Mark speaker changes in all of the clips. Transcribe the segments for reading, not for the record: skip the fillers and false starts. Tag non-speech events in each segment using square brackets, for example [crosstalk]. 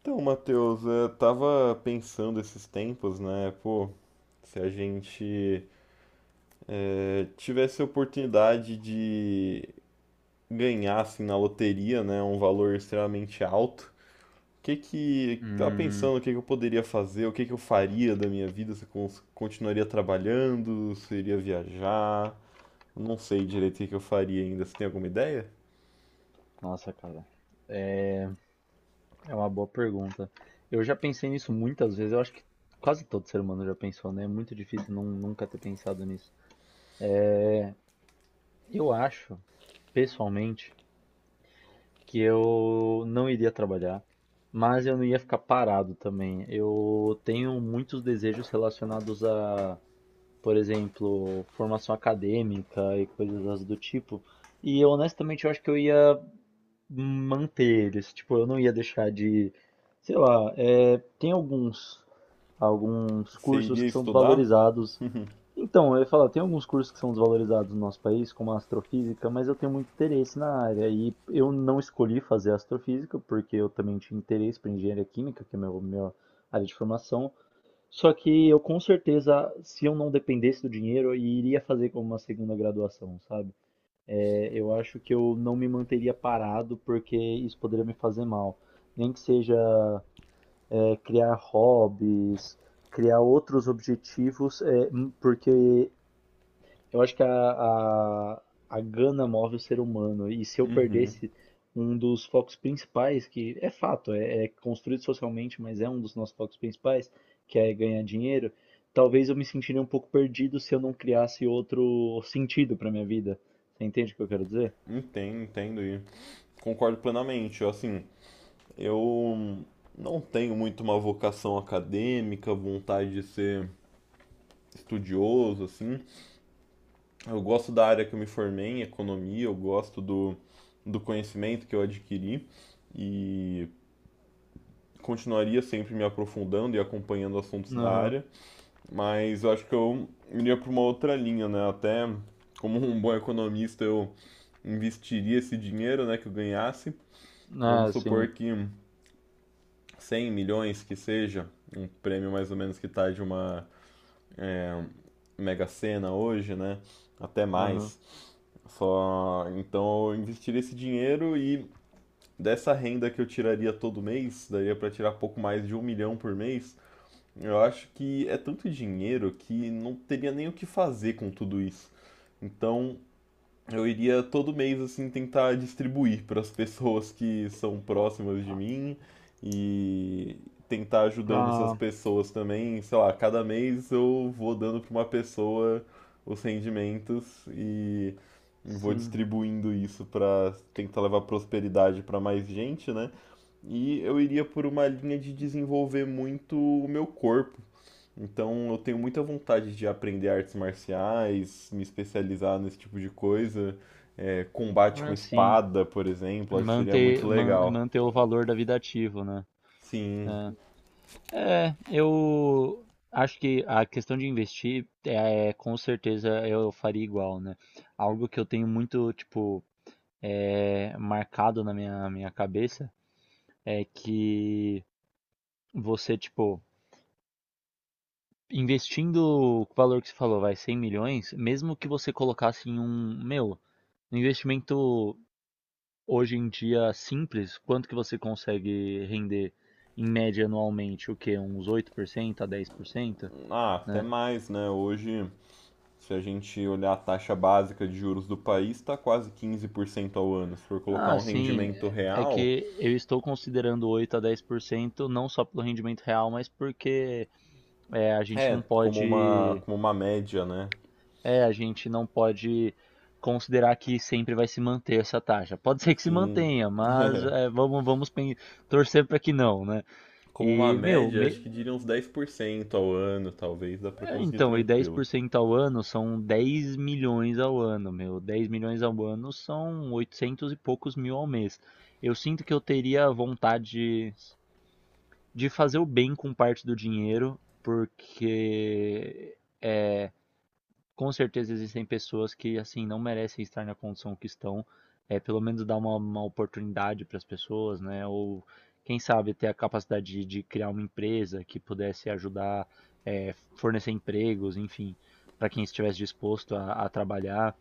Speaker 1: Então, Matheus, eu tava pensando esses tempos, né? Pô, se a gente tivesse a oportunidade de ganhar, assim, na loteria, né? Um valor extremamente alto, tava
Speaker 2: Hum,
Speaker 1: pensando o que que eu poderia fazer, o que que eu faria da minha vida, se eu continuaria trabalhando, se eu iria viajar, não sei direito o que que eu faria ainda. Você tem alguma ideia?
Speaker 2: nossa, cara, é uma boa pergunta. Eu já pensei nisso muitas vezes, eu acho que quase todo ser humano já pensou, né? É muito difícil não, nunca ter pensado nisso. Eu acho, pessoalmente, que eu não iria trabalhar, mas eu não ia ficar parado também. Eu tenho muitos desejos relacionados a, por exemplo, formação acadêmica e coisas do tipo. E honestamente, eu acho que eu ia manter eles. Tipo, eu não ia deixar de, sei lá, tem alguns
Speaker 1: Você
Speaker 2: cursos
Speaker 1: iria
Speaker 2: que são
Speaker 1: estudar?
Speaker 2: desvalorizados. Então, eu ia falar, tem alguns cursos que são desvalorizados no nosso país, como a astrofísica, mas eu tenho muito interesse na área e eu não escolhi fazer astrofísica porque eu também tinha interesse para engenharia química, que é meu minha área de formação. Só que eu, com certeza, se eu não dependesse do dinheiro, eu iria fazer como uma segunda graduação, sabe? Eu acho que eu não me manteria parado porque isso poderia me fazer mal. Nem que seja, criar hobbies, criar outros objetivos, porque eu acho que a gana move o ser humano. E se eu
Speaker 1: Uhum,
Speaker 2: perdesse um dos focos principais, que é fato, é construído socialmente, mas é um dos nossos focos principais, que é ganhar dinheiro, talvez eu me sentiria um pouco perdido se eu não criasse outro sentido para minha vida. Você entende o que eu quero dizer?
Speaker 1: entendo, entendo e concordo plenamente, eu, assim. Eu não tenho muito uma vocação acadêmica, vontade de ser estudioso, assim. Eu gosto da área que eu me formei em economia, eu gosto do conhecimento que eu adquiri e continuaria sempre me aprofundando e acompanhando assuntos da
Speaker 2: Aham.
Speaker 1: área, mas eu acho que eu iria para uma outra linha, né? Até como um bom economista, eu investiria esse dinheiro, né, que eu ganhasse. Vamos
Speaker 2: Ah,
Speaker 1: supor
Speaker 2: sim.
Speaker 1: que 100 milhões que seja, um prêmio mais ou menos que tá de uma Mega Sena hoje, né? Até
Speaker 2: Aham.
Speaker 1: mais. Só então eu investiria esse dinheiro e dessa renda que eu tiraria todo mês, daria para tirar pouco mais de 1 milhão por mês. Eu acho que é tanto dinheiro que não teria nem o que fazer com tudo isso. Então eu iria todo mês assim tentar distribuir para as pessoas que são próximas de
Speaker 2: Ah,
Speaker 1: mim e tentar ajudando essas
Speaker 2: ah,
Speaker 1: pessoas também, sei lá, cada mês eu vou dando para uma pessoa os rendimentos e vou
Speaker 2: sim.
Speaker 1: distribuindo isso para tentar levar prosperidade para mais gente, né? E eu iria por uma linha de desenvolver muito o meu corpo, então eu tenho muita vontade de aprender artes marciais, me especializar nesse tipo de coisa. É, combate com
Speaker 2: Ah, sim.
Speaker 1: espada, por exemplo, acho que seria muito
Speaker 2: Manter, man-
Speaker 1: legal.
Speaker 2: manter o valor da vida ativo, né?
Speaker 1: Sim,
Speaker 2: É, eu acho que a questão de investir, com certeza eu faria igual, né? Algo que eu tenho muito, tipo, marcado na minha cabeça é que você, tipo, investindo o valor que você falou, vai 100 milhões, mesmo que você colocasse em um investimento hoje em dia simples, quanto que você consegue render em média anualmente? O quê? Uns 8% a 10%,
Speaker 1: ah, até
Speaker 2: né?
Speaker 1: mais, né? Hoje, se a gente olhar a taxa básica de juros do país, está quase 15% ao ano. Se for colocar
Speaker 2: Ah,
Speaker 1: um
Speaker 2: sim,
Speaker 1: rendimento
Speaker 2: é
Speaker 1: real,
Speaker 2: que eu estou considerando 8% a 10%, não só pelo rendimento real, mas porque, a gente
Speaker 1: é
Speaker 2: não
Speaker 1: como uma,
Speaker 2: pode,
Speaker 1: como uma média, né?
Speaker 2: a gente não pode considerar que sempre vai se manter essa taxa. Pode ser que se
Speaker 1: Sim,
Speaker 2: mantenha,
Speaker 1: [laughs]
Speaker 2: mas,
Speaker 1: é.
Speaker 2: vamos torcer para que não, né?
Speaker 1: Como uma
Speaker 2: E, meu,
Speaker 1: média,
Speaker 2: me-
Speaker 1: acho que diria uns 10% ao ano, talvez, dá para conseguir
Speaker 2: Então, e dez
Speaker 1: tranquilo.
Speaker 2: por cento ao ano são 10 milhões ao ano, meu. 10 milhões ao ano são 800 e poucos mil ao mês. Eu sinto que eu teria vontade de fazer o bem com parte do dinheiro, porque com certeza existem pessoas que assim não merecem estar na condição que estão. Pelo menos dar uma oportunidade para as pessoas, né? Ou quem sabe ter a capacidade de criar uma empresa que pudesse ajudar, fornecer empregos, enfim, para quem estivesse disposto a trabalhar.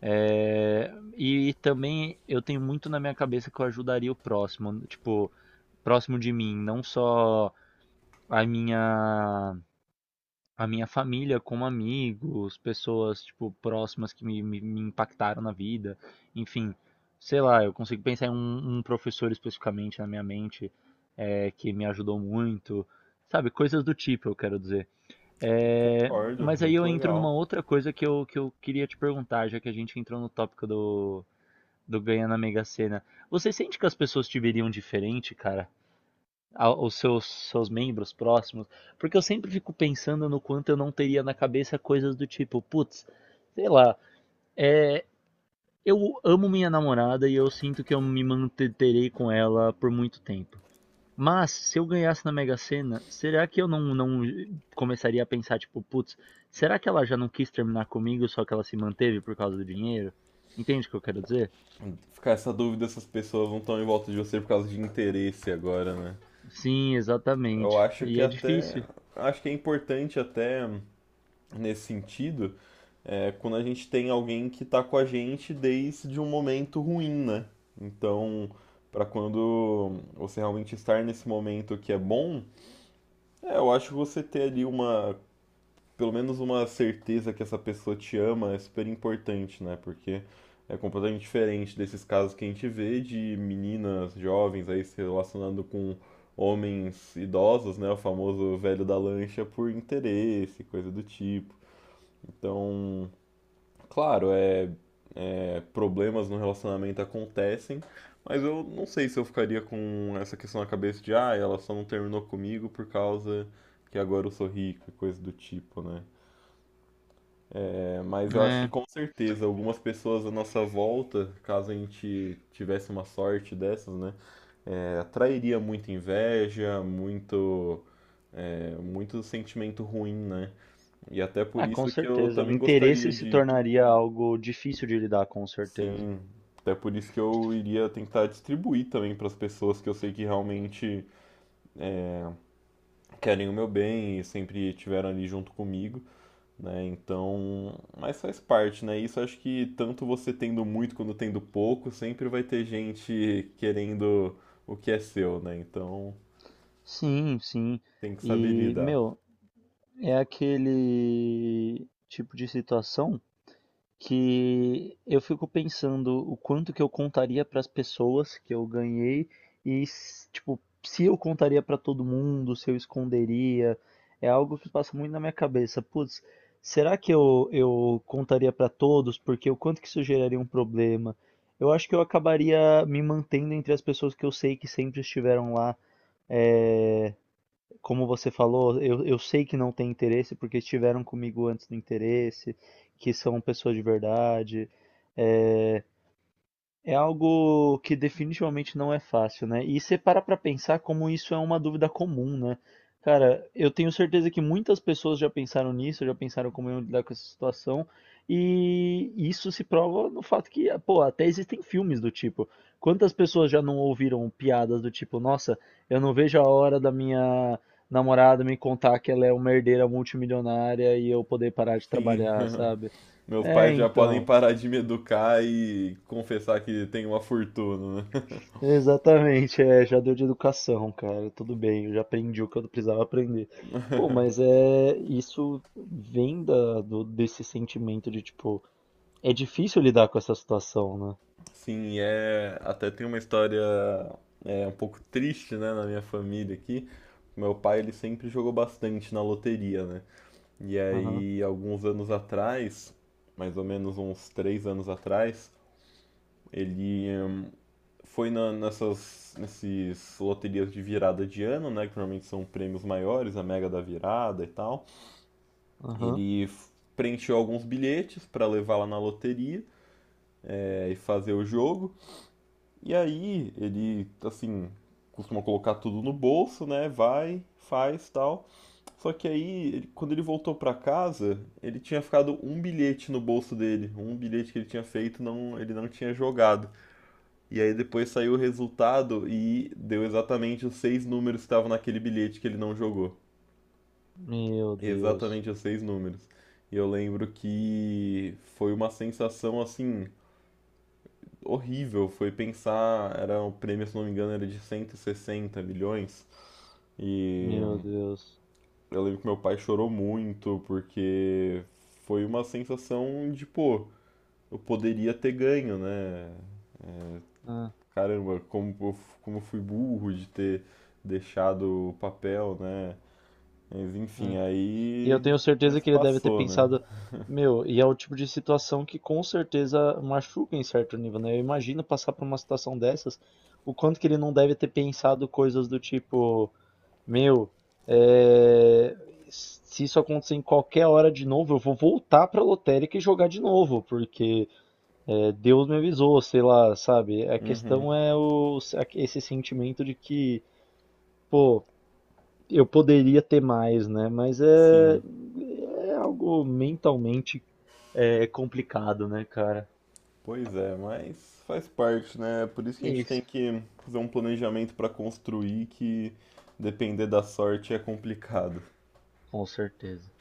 Speaker 2: E também eu tenho muito na minha cabeça que eu ajudaria o próximo, tipo, próximo de mim, não só a minha a minha família como amigos, pessoas, tipo, próximas que me impactaram na vida. Enfim, sei lá, eu consigo pensar em um professor especificamente na minha mente, que me ajudou muito. Sabe, coisas do tipo, eu quero dizer. É,
Speaker 1: Concordo,
Speaker 2: mas aí
Speaker 1: muito
Speaker 2: eu entro numa
Speaker 1: legal.
Speaker 2: outra coisa que eu queria te perguntar, já que a gente entrou no tópico do ganhar na Mega Sena. Você sente que as pessoas te veriam diferente, cara? Aos seus membros próximos, porque eu sempre fico pensando no quanto eu não teria na cabeça coisas do tipo, putz, sei lá, é, eu amo minha namorada e eu sinto que eu me manterei com ela por muito tempo. Mas se eu ganhasse na Mega Sena, será que eu não começaria a pensar, tipo, putz, será que ela já não quis terminar comigo, só que ela se manteve por causa do dinheiro? Entende o que eu quero dizer?
Speaker 1: Ficar essa dúvida, essas pessoas não estão em volta de você por causa de interesse agora, né?
Speaker 2: Sim,
Speaker 1: Eu
Speaker 2: exatamente.
Speaker 1: acho
Speaker 2: E
Speaker 1: que
Speaker 2: é
Speaker 1: até.
Speaker 2: difícil,
Speaker 1: Acho que é importante até nesse sentido, é, quando a gente tem alguém que tá com a gente desde um momento ruim, né? Então, para quando você realmente estar nesse momento que é bom, é, eu acho que você ter ali uma, pelo menos uma certeza que essa pessoa te ama é super importante, né? Porque é completamente diferente desses casos que a gente vê de meninas jovens aí se relacionando com homens idosos, né? O famoso velho da lancha por interesse, coisa do tipo. Então, claro, problemas no relacionamento acontecem, mas eu não sei se eu ficaria com essa questão na cabeça de, ah, ela só não terminou comigo por causa que agora eu sou rica, coisa do tipo, né? Mas eu acho que
Speaker 2: né?
Speaker 1: com certeza algumas pessoas à nossa volta, caso a gente tivesse uma sorte dessas, né, é, atrairia muita inveja, muito, muito sentimento ruim, né? E até por
Speaker 2: Ah, com
Speaker 1: isso que eu
Speaker 2: certeza.
Speaker 1: também gostaria
Speaker 2: Interesse se
Speaker 1: de,
Speaker 2: tornaria algo difícil de lidar, com certeza.
Speaker 1: sim, até por isso que eu iria tentar distribuir também para as pessoas que eu sei que realmente querem o meu bem e sempre estiveram ali junto comigo, né? Então, mas faz parte, né? Isso acho que tanto você tendo muito quanto tendo pouco, sempre vai ter gente querendo o que é seu, né? Então,
Speaker 2: Sim, sim.
Speaker 1: tem que saber
Speaker 2: E,
Speaker 1: lidar.
Speaker 2: meu, é aquele tipo de situação que eu fico pensando o quanto que eu contaria para as pessoas que eu ganhei, tipo, se eu contaria para todo mundo, se eu esconderia. É algo que passa muito na minha cabeça. Putz, será que eu contaria para todos? Porque o quanto que isso geraria um problema? Eu acho que eu acabaria me mantendo entre as pessoas que eu sei que sempre estiveram lá. é, como você falou, eu sei que não tem interesse porque estiveram comigo antes do interesse, que são pessoas de verdade. eh, é algo que definitivamente não é fácil, né? E você para pra pensar como isso é uma dúvida comum, né? Cara, eu tenho certeza que muitas pessoas já pensaram nisso, já pensaram como iam lidar com essa situação, e isso se prova no fato que, pô, até existem filmes do tipo. Quantas pessoas já não ouviram piadas do tipo, nossa, eu não vejo a hora da minha namorada me contar que ela é uma herdeira multimilionária e eu poder parar de
Speaker 1: Sim,
Speaker 2: trabalhar,
Speaker 1: [laughs]
Speaker 2: sabe?
Speaker 1: meus
Speaker 2: É,
Speaker 1: pais já podem
Speaker 2: então.
Speaker 1: parar de me educar e confessar que tem uma fortuna, né?
Speaker 2: Exatamente, já deu de educação, cara, tudo bem, eu já aprendi o que eu precisava aprender. Pô, mas, isso vem desse sentimento de, tipo, é difícil lidar com essa situação, né?
Speaker 1: [laughs] Sim, é, até tem uma história, é um pouco triste, né, na minha família aqui. Meu pai ele sempre jogou bastante na loteria, né? E
Speaker 2: Aham,
Speaker 1: aí, alguns anos atrás, mais ou menos uns 3 anos atrás, ele foi na- nessas nesses loterias de virada de ano, né? Que normalmente são prêmios maiores, a Mega da Virada e tal.
Speaker 2: aham.
Speaker 1: Ele preencheu alguns bilhetes para levar lá na loteria, é, e fazer o jogo. E aí, ele, assim, costuma colocar tudo no bolso, né? Vai, faz e tal. Só que aí, quando ele voltou pra casa, ele tinha ficado um bilhete no bolso dele, um bilhete que ele tinha feito, não, ele não tinha jogado. E aí depois saiu o resultado e deu exatamente os seis números que estavam naquele bilhete que ele não jogou.
Speaker 2: Meu Deus,
Speaker 1: Exatamente os seis números. E eu lembro que foi uma sensação assim horrível, foi pensar, era o prêmio, se não me engano, era de 160 milhões. E
Speaker 2: meu Deus.
Speaker 1: eu lembro que meu pai chorou muito, porque foi uma sensação de, pô, eu poderia ter ganho, né? É,
Speaker 2: Ah,
Speaker 1: caramba, como, eu como eu fui burro de ter deixado o papel, né? Mas enfim,
Speaker 2: ah. E eu
Speaker 1: aí
Speaker 2: tenho certeza
Speaker 1: isso
Speaker 2: que ele deve ter
Speaker 1: passou, né?
Speaker 2: pensado, meu, e é o tipo de situação que com certeza machuca em certo nível, né? Eu imagino passar por uma situação dessas, o quanto que ele não deve ter pensado coisas do tipo. Meu, é, se isso acontecer em qualquer hora de novo, eu vou voltar pra lotérica e jogar de novo, porque, Deus me avisou, sei lá, sabe? A
Speaker 1: Uhum,
Speaker 2: questão é esse sentimento de que, pô, eu poderia ter mais, né? Mas é,
Speaker 1: sim.
Speaker 2: é algo mentalmente, complicado, né, cara?
Speaker 1: Pois é, mas faz parte, né? Por isso que a gente tem
Speaker 2: Isso.
Speaker 1: que fazer um planejamento para construir que depender da sorte é complicado.
Speaker 2: Com certeza.